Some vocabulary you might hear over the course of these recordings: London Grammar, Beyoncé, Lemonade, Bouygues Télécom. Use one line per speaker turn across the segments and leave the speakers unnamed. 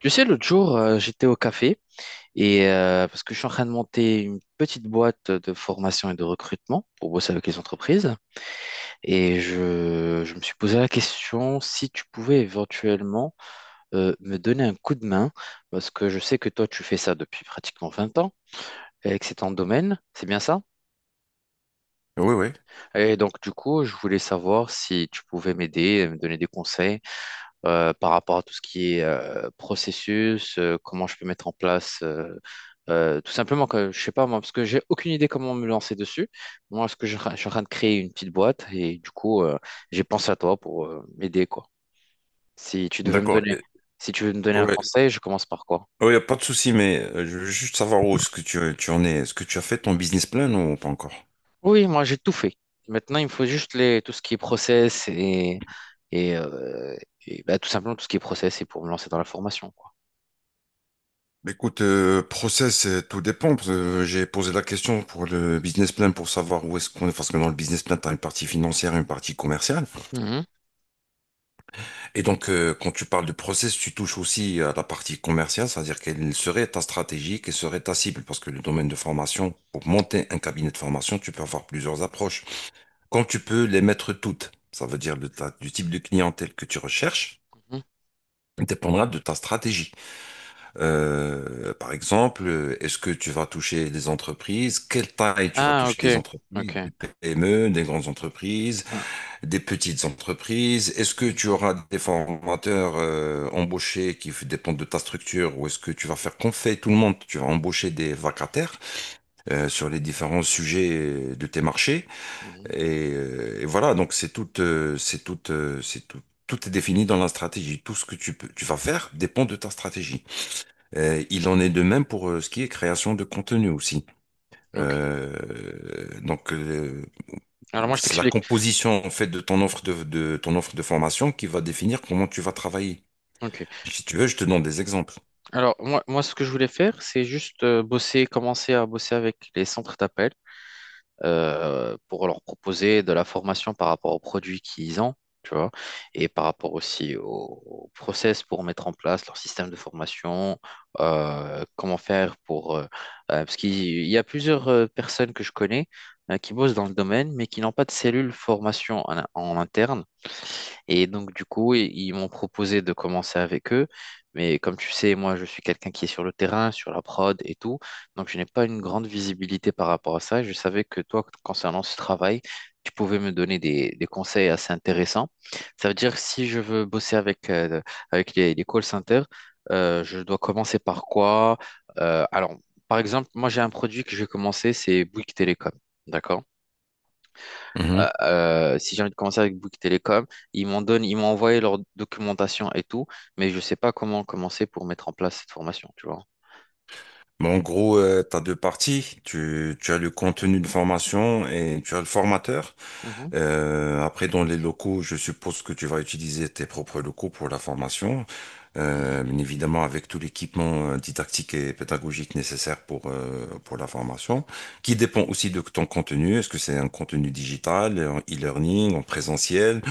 Tu sais, l'autre jour, j'étais au café et parce que je suis en train de monter une petite boîte de formation et de recrutement pour bosser avec les entreprises. Et je me suis posé la question si tu pouvais éventuellement me donner un coup de main, parce que je sais que toi, tu fais ça depuis pratiquement 20 ans et que c'est ton domaine, c'est bien ça?
Oui, oui,
Et donc, du coup, je voulais savoir si tu pouvais m'aider, me donner des conseils, par rapport à tout ce qui est processus, comment je peux mettre en place, tout simplement que je sais pas moi, parce que j'ai aucune idée comment me lancer dessus. Moi, ce que je suis en train de créer une petite boîte et du coup, j'ai pensé à toi pour m'aider quoi. Si tu devais me
d'accord.
donner,
Et-
si tu veux me donner un
ouais,
conseil, je commence par quoi?
ouais, y a pas de souci, mais je veux juste savoir où est-ce que tu en es. Est-ce que tu as fait ton business plan ou pas encore?
Oui, moi j'ai tout fait. Maintenant, il me faut juste les, tout ce qui est process et, euh, et, bah, tout simplement tout ce qui est process et pour me lancer dans la formation quoi.
Écoute, process, tout dépend. Parce que j'ai posé la question pour le business plan pour savoir où est-ce qu'on est. Parce que dans le business plan, tu as une partie financière et une partie commerciale.
Mhm,
Et donc, quand tu parles de process, tu touches aussi à la partie commerciale, c'est-à-dire quelle serait ta stratégie, quelle serait ta cible. Parce que le domaine de formation, pour monter un cabinet de formation, tu peux avoir plusieurs approches. Quand tu peux les mettre toutes, ça veut dire du type de clientèle que tu recherches
mhm.
dépendra de ta stratégie. Par exemple, est-ce que tu vas toucher des entreprises? Quelle taille tu vas
Ah,
toucher
ok,
des entreprises?
ok.
Des PME, des grandes entreprises, des petites entreprises? Est-ce que tu
Ouais.
auras des formateurs embauchés dépendent de ta structure ou est-ce que tu vas faire qu'on fait tout le monde? Tu vas embaucher des vacataires sur les différents sujets de tes marchés.
Mhm.
Et voilà, donc tout est défini dans la stratégie. Tout ce que tu peux, tu vas faire dépend de ta stratégie. Il en est de même pour ce qui est création de contenu aussi.
Ok.
Euh, donc euh,
Alors moi je
c'est la
t'explique.
composition en fait de ton offre de formation qui va définir comment tu vas travailler.
Ok.
Si tu veux, je te donne des exemples.
Alors moi, ce que je voulais faire, c'est juste bosser, commencer à bosser avec les centres d'appel pour leur proposer de la formation par rapport aux produits qu'ils ont, tu vois, et par rapport aussi au, au process pour mettre en place leur système de formation, comment faire pour parce qu'il y a plusieurs personnes que je connais qui bossent dans le domaine, mais qui n'ont pas de cellule formation en interne. Et donc, du coup, ils m'ont proposé de commencer avec eux. Mais comme tu sais, moi, je suis quelqu'un qui est sur le terrain, sur la prod et tout. Donc, je n'ai pas une grande visibilité par rapport à ça. Je savais que toi, concernant ce travail, tu pouvais me donner des conseils assez intéressants. Ça veut dire que si je veux bosser avec, avec les call centers, je dois commencer par quoi? Alors, par exemple, moi, j'ai un produit que je vais commencer, c'est Bouygues Télécom. D'accord? Si j'ai envie de commencer avec Bouygues Télécom, ils m'en donnent, ils m'ont envoyé leur documentation et tout, mais je ne sais pas comment commencer pour mettre en place cette formation, tu vois.
Mais en gros, tu as deux parties. Tu as le contenu de formation et tu as le formateur.
Mhm.
Après, dans les locaux, je suppose que tu vas utiliser tes propres locaux pour la formation.
Mhm.
Bien évidemment, avec tout l'équipement didactique et pédagogique nécessaire pour la formation, qui dépend aussi de ton contenu. Est-ce que c'est un contenu digital, en e-learning, en présentiel?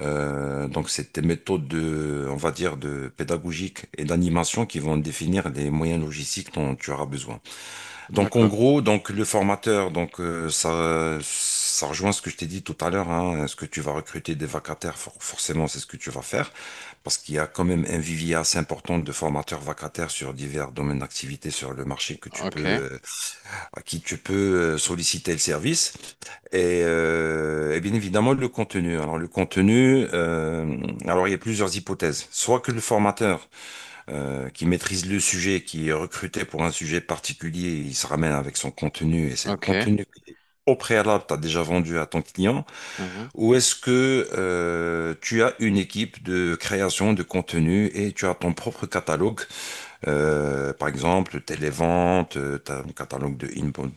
Donc, c'est des méthodes on va dire, de pédagogique et d'animation qui vont définir les moyens logistiques dont tu auras besoin. Donc, en
D'accord.
gros, donc le formateur, ça, ça rejoint ce que je t'ai dit tout à l'heure, hein, ce que tu vas recruter des vacataires, forcément, c'est ce que tu vas faire parce qu'il y a quand même un vivier assez important de formateurs vacataires sur divers domaines d'activité sur le marché que
Ok.
tu peux solliciter le service et bien évidemment le contenu. Alors le contenu, alors il y a plusieurs hypothèses. Soit que le formateur qui maîtrise le sujet, qui est recruté pour un sujet particulier, il se ramène avec son contenu et c'est le
Ok.
contenu que, au préalable, tu as déjà vendu à ton client,
Mhm.
ou est-ce que tu as une équipe de création de contenu et tu as ton propre catalogue par exemple, telle ventes, tu as un catalogue de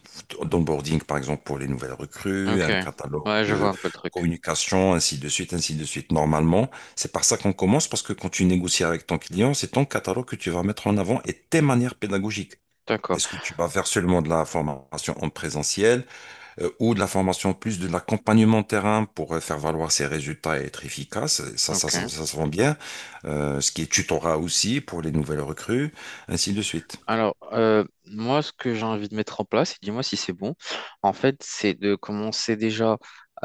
d'onboarding, par exemple, pour les nouvelles recrues,
Ok.
un catalogue
Ouais, je vois
de
un peu le truc.
communication, ainsi de suite, ainsi de suite. Normalement, c'est par ça qu'on commence, parce que quand tu négocies avec ton client, c'est ton catalogue que tu vas mettre en avant et tes manières pédagogiques.
D'accord.
Est-ce que tu vas faire seulement de la formation en présentiel? Ou de la formation, plus de l'accompagnement terrain pour faire valoir ses résultats et être efficace. Ça, ça,
Ok.
ça, ça se vend bien. Ce qui est tutorat aussi pour les nouvelles recrues, ainsi de suite.
Alors, moi, ce que j'ai envie de mettre en place, et dis-moi si c'est bon, en fait, c'est de commencer déjà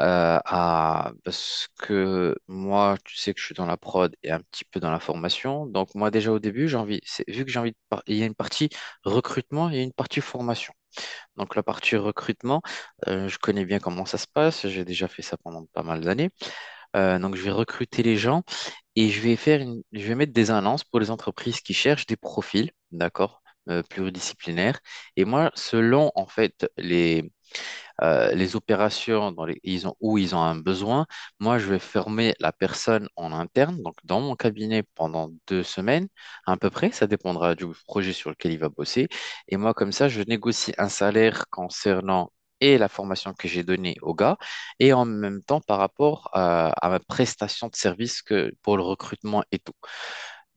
à... Parce que moi, tu sais que je suis dans la prod et un petit peu dans la formation. Donc, moi, déjà au début, j'ai envie, vu que j'ai envie de... Il y a une partie recrutement et une partie formation. Donc, la partie recrutement, je connais bien comment ça se passe. J'ai déjà fait ça pendant pas mal d'années. Donc, je vais recruter les gens. Et je vais faire une, je vais mettre des annonces pour les entreprises qui cherchent des profils, d'accord, pluridisciplinaires. Et moi, selon en fait les opérations dans les, ils ont, où ils ont un besoin. Moi, je vais former la personne en interne, donc dans mon cabinet pendant 2 semaines à peu près. Ça dépendra du projet sur lequel il va bosser. Et moi, comme ça, je négocie un salaire concernant et la formation que j'ai donnée au gars, et en même temps par rapport à ma prestation de service que, pour le recrutement et tout.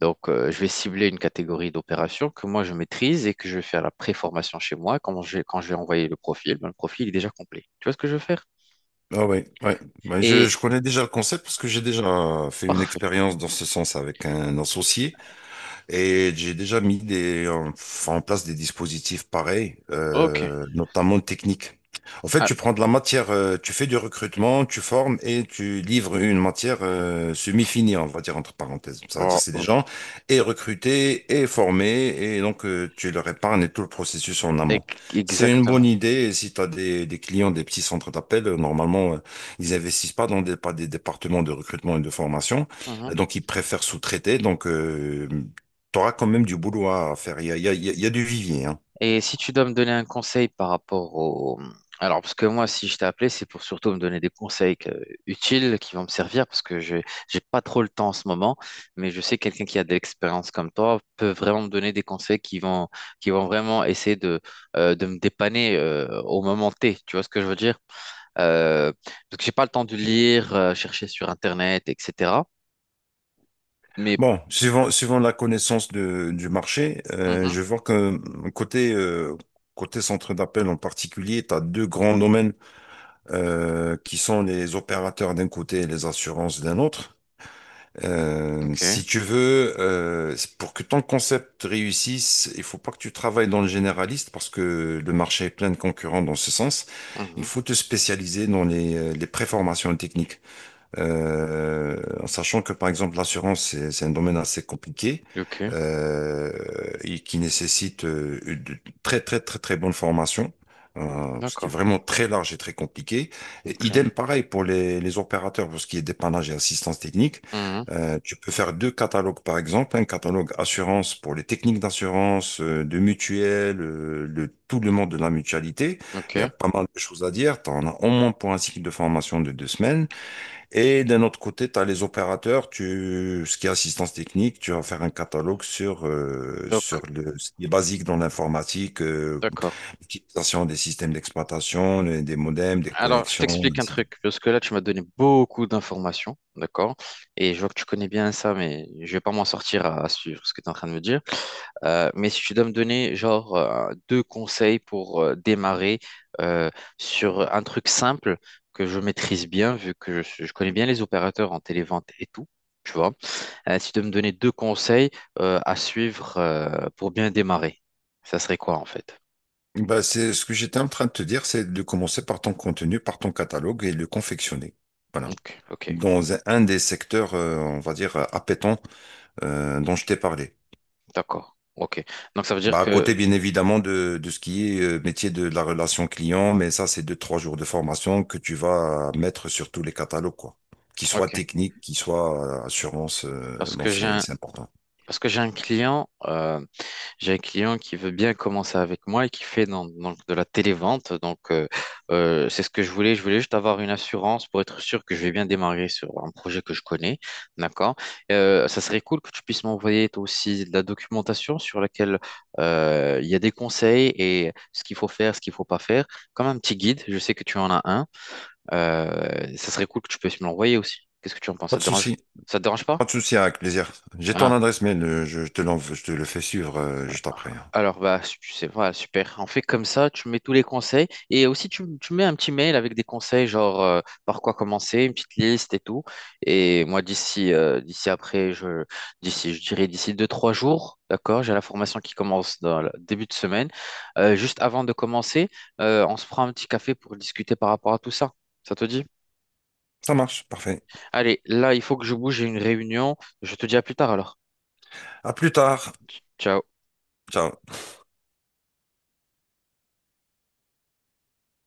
Donc, je vais cibler une catégorie d'opérations que moi je maîtrise et que je vais faire la préformation chez moi. Quand quand je vais envoyer le profil, ben, le profil est déjà complet. Tu vois ce que je veux faire?
Ah oui, ouais. Ouais, je,
Et
je connais déjà le concept parce que j'ai déjà fait une
parfait.
expérience dans ce sens avec un associé. Et j'ai déjà mis en place des dispositifs pareils,
OK.
notamment techniques. En fait,
Ah,
tu prends de la matière, tu fais du recrutement, tu formes et tu livres une matière semi-finie, on va dire entre parenthèses. Ça veut dire
oh,
c'est des
oh,
gens et recrutés et formés et tu leur épargnes tout le processus en amont. C'est une bonne
exactement.
idée et si tu as des clients des petits centres d'appel, normalement ils investissent pas pas des départements de recrutement et de formation.
Mhm.
Donc ils préfèrent sous-traiter. T'auras quand même du boulot à faire. Il y a, il y a- il y a- il y a du vivier, hein.
Et si tu dois me donner un conseil par rapport au... Alors, parce que moi, si je t'ai appelé, c'est pour surtout me donner des conseils utiles qui vont me servir, parce que je j'ai pas trop le temps en ce moment, mais je sais que quelqu'un qui a de l'expérience comme toi peut vraiment me donner des conseils qui vont vraiment essayer de me dépanner au moment T. Tu vois ce que je veux dire? Euh, Parce que j'ai pas le temps de lire, chercher sur Internet, etc. Mais...
Bon, suivant la connaissance du marché,
Mhm.
je vois que côté, euh, côté centre d'appel en particulier, tu as deux grands domaines qui sont les opérateurs d'un côté et les assurances d'un autre. Euh, si
Ok.
tu veux, euh, pour que ton concept réussisse, il faut pas que tu travailles dans le généraliste parce que le marché est plein de concurrents dans ce sens. Il
Mhm.
faut te spécialiser dans les préformations techniques. Euh, En sachant que par exemple l'assurance c'est un domaine assez compliqué
Ok.
euh, et qui nécessite une très très très très bonne formation, ce qui est
D'accord.
vraiment très large et très compliqué. Et
Ok.
idem pareil pour les opérateurs pour ce qui est dépannage et assistance technique.
Mhm.
Tu peux faire deux catalogues par exemple, un catalogue assurance pour les techniques d'assurance, de mutuelle, le tout le monde de la mutualité. Il y a
Ok.
pas mal de choses à dire. Tu en as au moins pour un cycle de formation de deux semaines. Et d'un autre côté, tu as les opérateurs, tu, ce qui est assistance technique, tu vas faire un catalogue sur, euh,
Donc,
sur le, ce qui est basique dans l'informatique,
d'accord.
l'utilisation des systèmes d'exploitation, des modems, des
Alors, je
connexions,
t'explique un
ainsi de suite.
truc, parce que là, tu m'as donné beaucoup d'informations, d'accord? Et je vois que tu connais bien ça, mais je vais pas m'en sortir à suivre ce que tu es en train de me dire. Mais si tu dois me donner, genre, deux conseils pour démarrer euh, sur un truc simple que je maîtrise bien, vu que je connais bien les opérateurs en télévente et tout, tu vois. Si tu dois me donner deux conseils à suivre pour bien démarrer, ça serait quoi, en fait?
Bah, c'est ce que j'étais en train de te dire, c'est de commencer par ton contenu, par ton catalogue et le confectionner. Voilà.
Ok, ok,
Dans un des secteurs, on va dire, appétants, dont je t'ai parlé.
d'accord. Ok. Donc, ça veut dire
Bah, à
que...
côté, bien évidemment, de ce qui est métier de la relation client, mais ça, c'est deux, trois jours de formation que tu vas mettre sur tous les catalogues, quoi. Qu'ils soient
Ok.
techniques, qu'ils soient assurance,
Parce
bon,
que j'ai un,
c'est important.
parce que j'ai un client qui veut bien commencer avec moi et qui fait donc de la télévente. Donc, c'est ce que je voulais. Je voulais juste avoir une assurance pour être sûr que je vais bien démarrer sur un projet que je connais. D'accord? Ça serait cool que tu puisses m'envoyer toi aussi de la documentation sur laquelle il y a des conseils et ce qu'il faut faire, ce qu'il faut pas faire, comme un petit guide. Je sais que tu en as un. Ça serait cool que tu puisses me l'envoyer aussi. Qu'est-ce que tu en penses?
Pas
Ça
de
te dérange?
souci.
Ça te dérange pas?
Pas de souci, avec plaisir. J'ai ton
Ah.
adresse mail, je te l'envoie, je te le fais suivre juste après, hein.
Alors, bah, c'est voilà, super. On fait comme ça, tu mets tous les conseils. Et aussi, tu mets un petit mail avec des conseils, genre par quoi commencer, une petite liste et tout. Et moi, d'ici d'ici après, d'ici, je dirais d'ici 2, 3 jours, d'accord, j'ai la formation qui commence dans le début de semaine. Juste avant de commencer, on se prend un petit café pour discuter par rapport à tout ça. Ça te dit?
Ça marche, parfait.
Allez, là, il faut que je bouge, j'ai une réunion. Je te dis à plus tard alors.
À plus tard.
Ciao.
Ciao.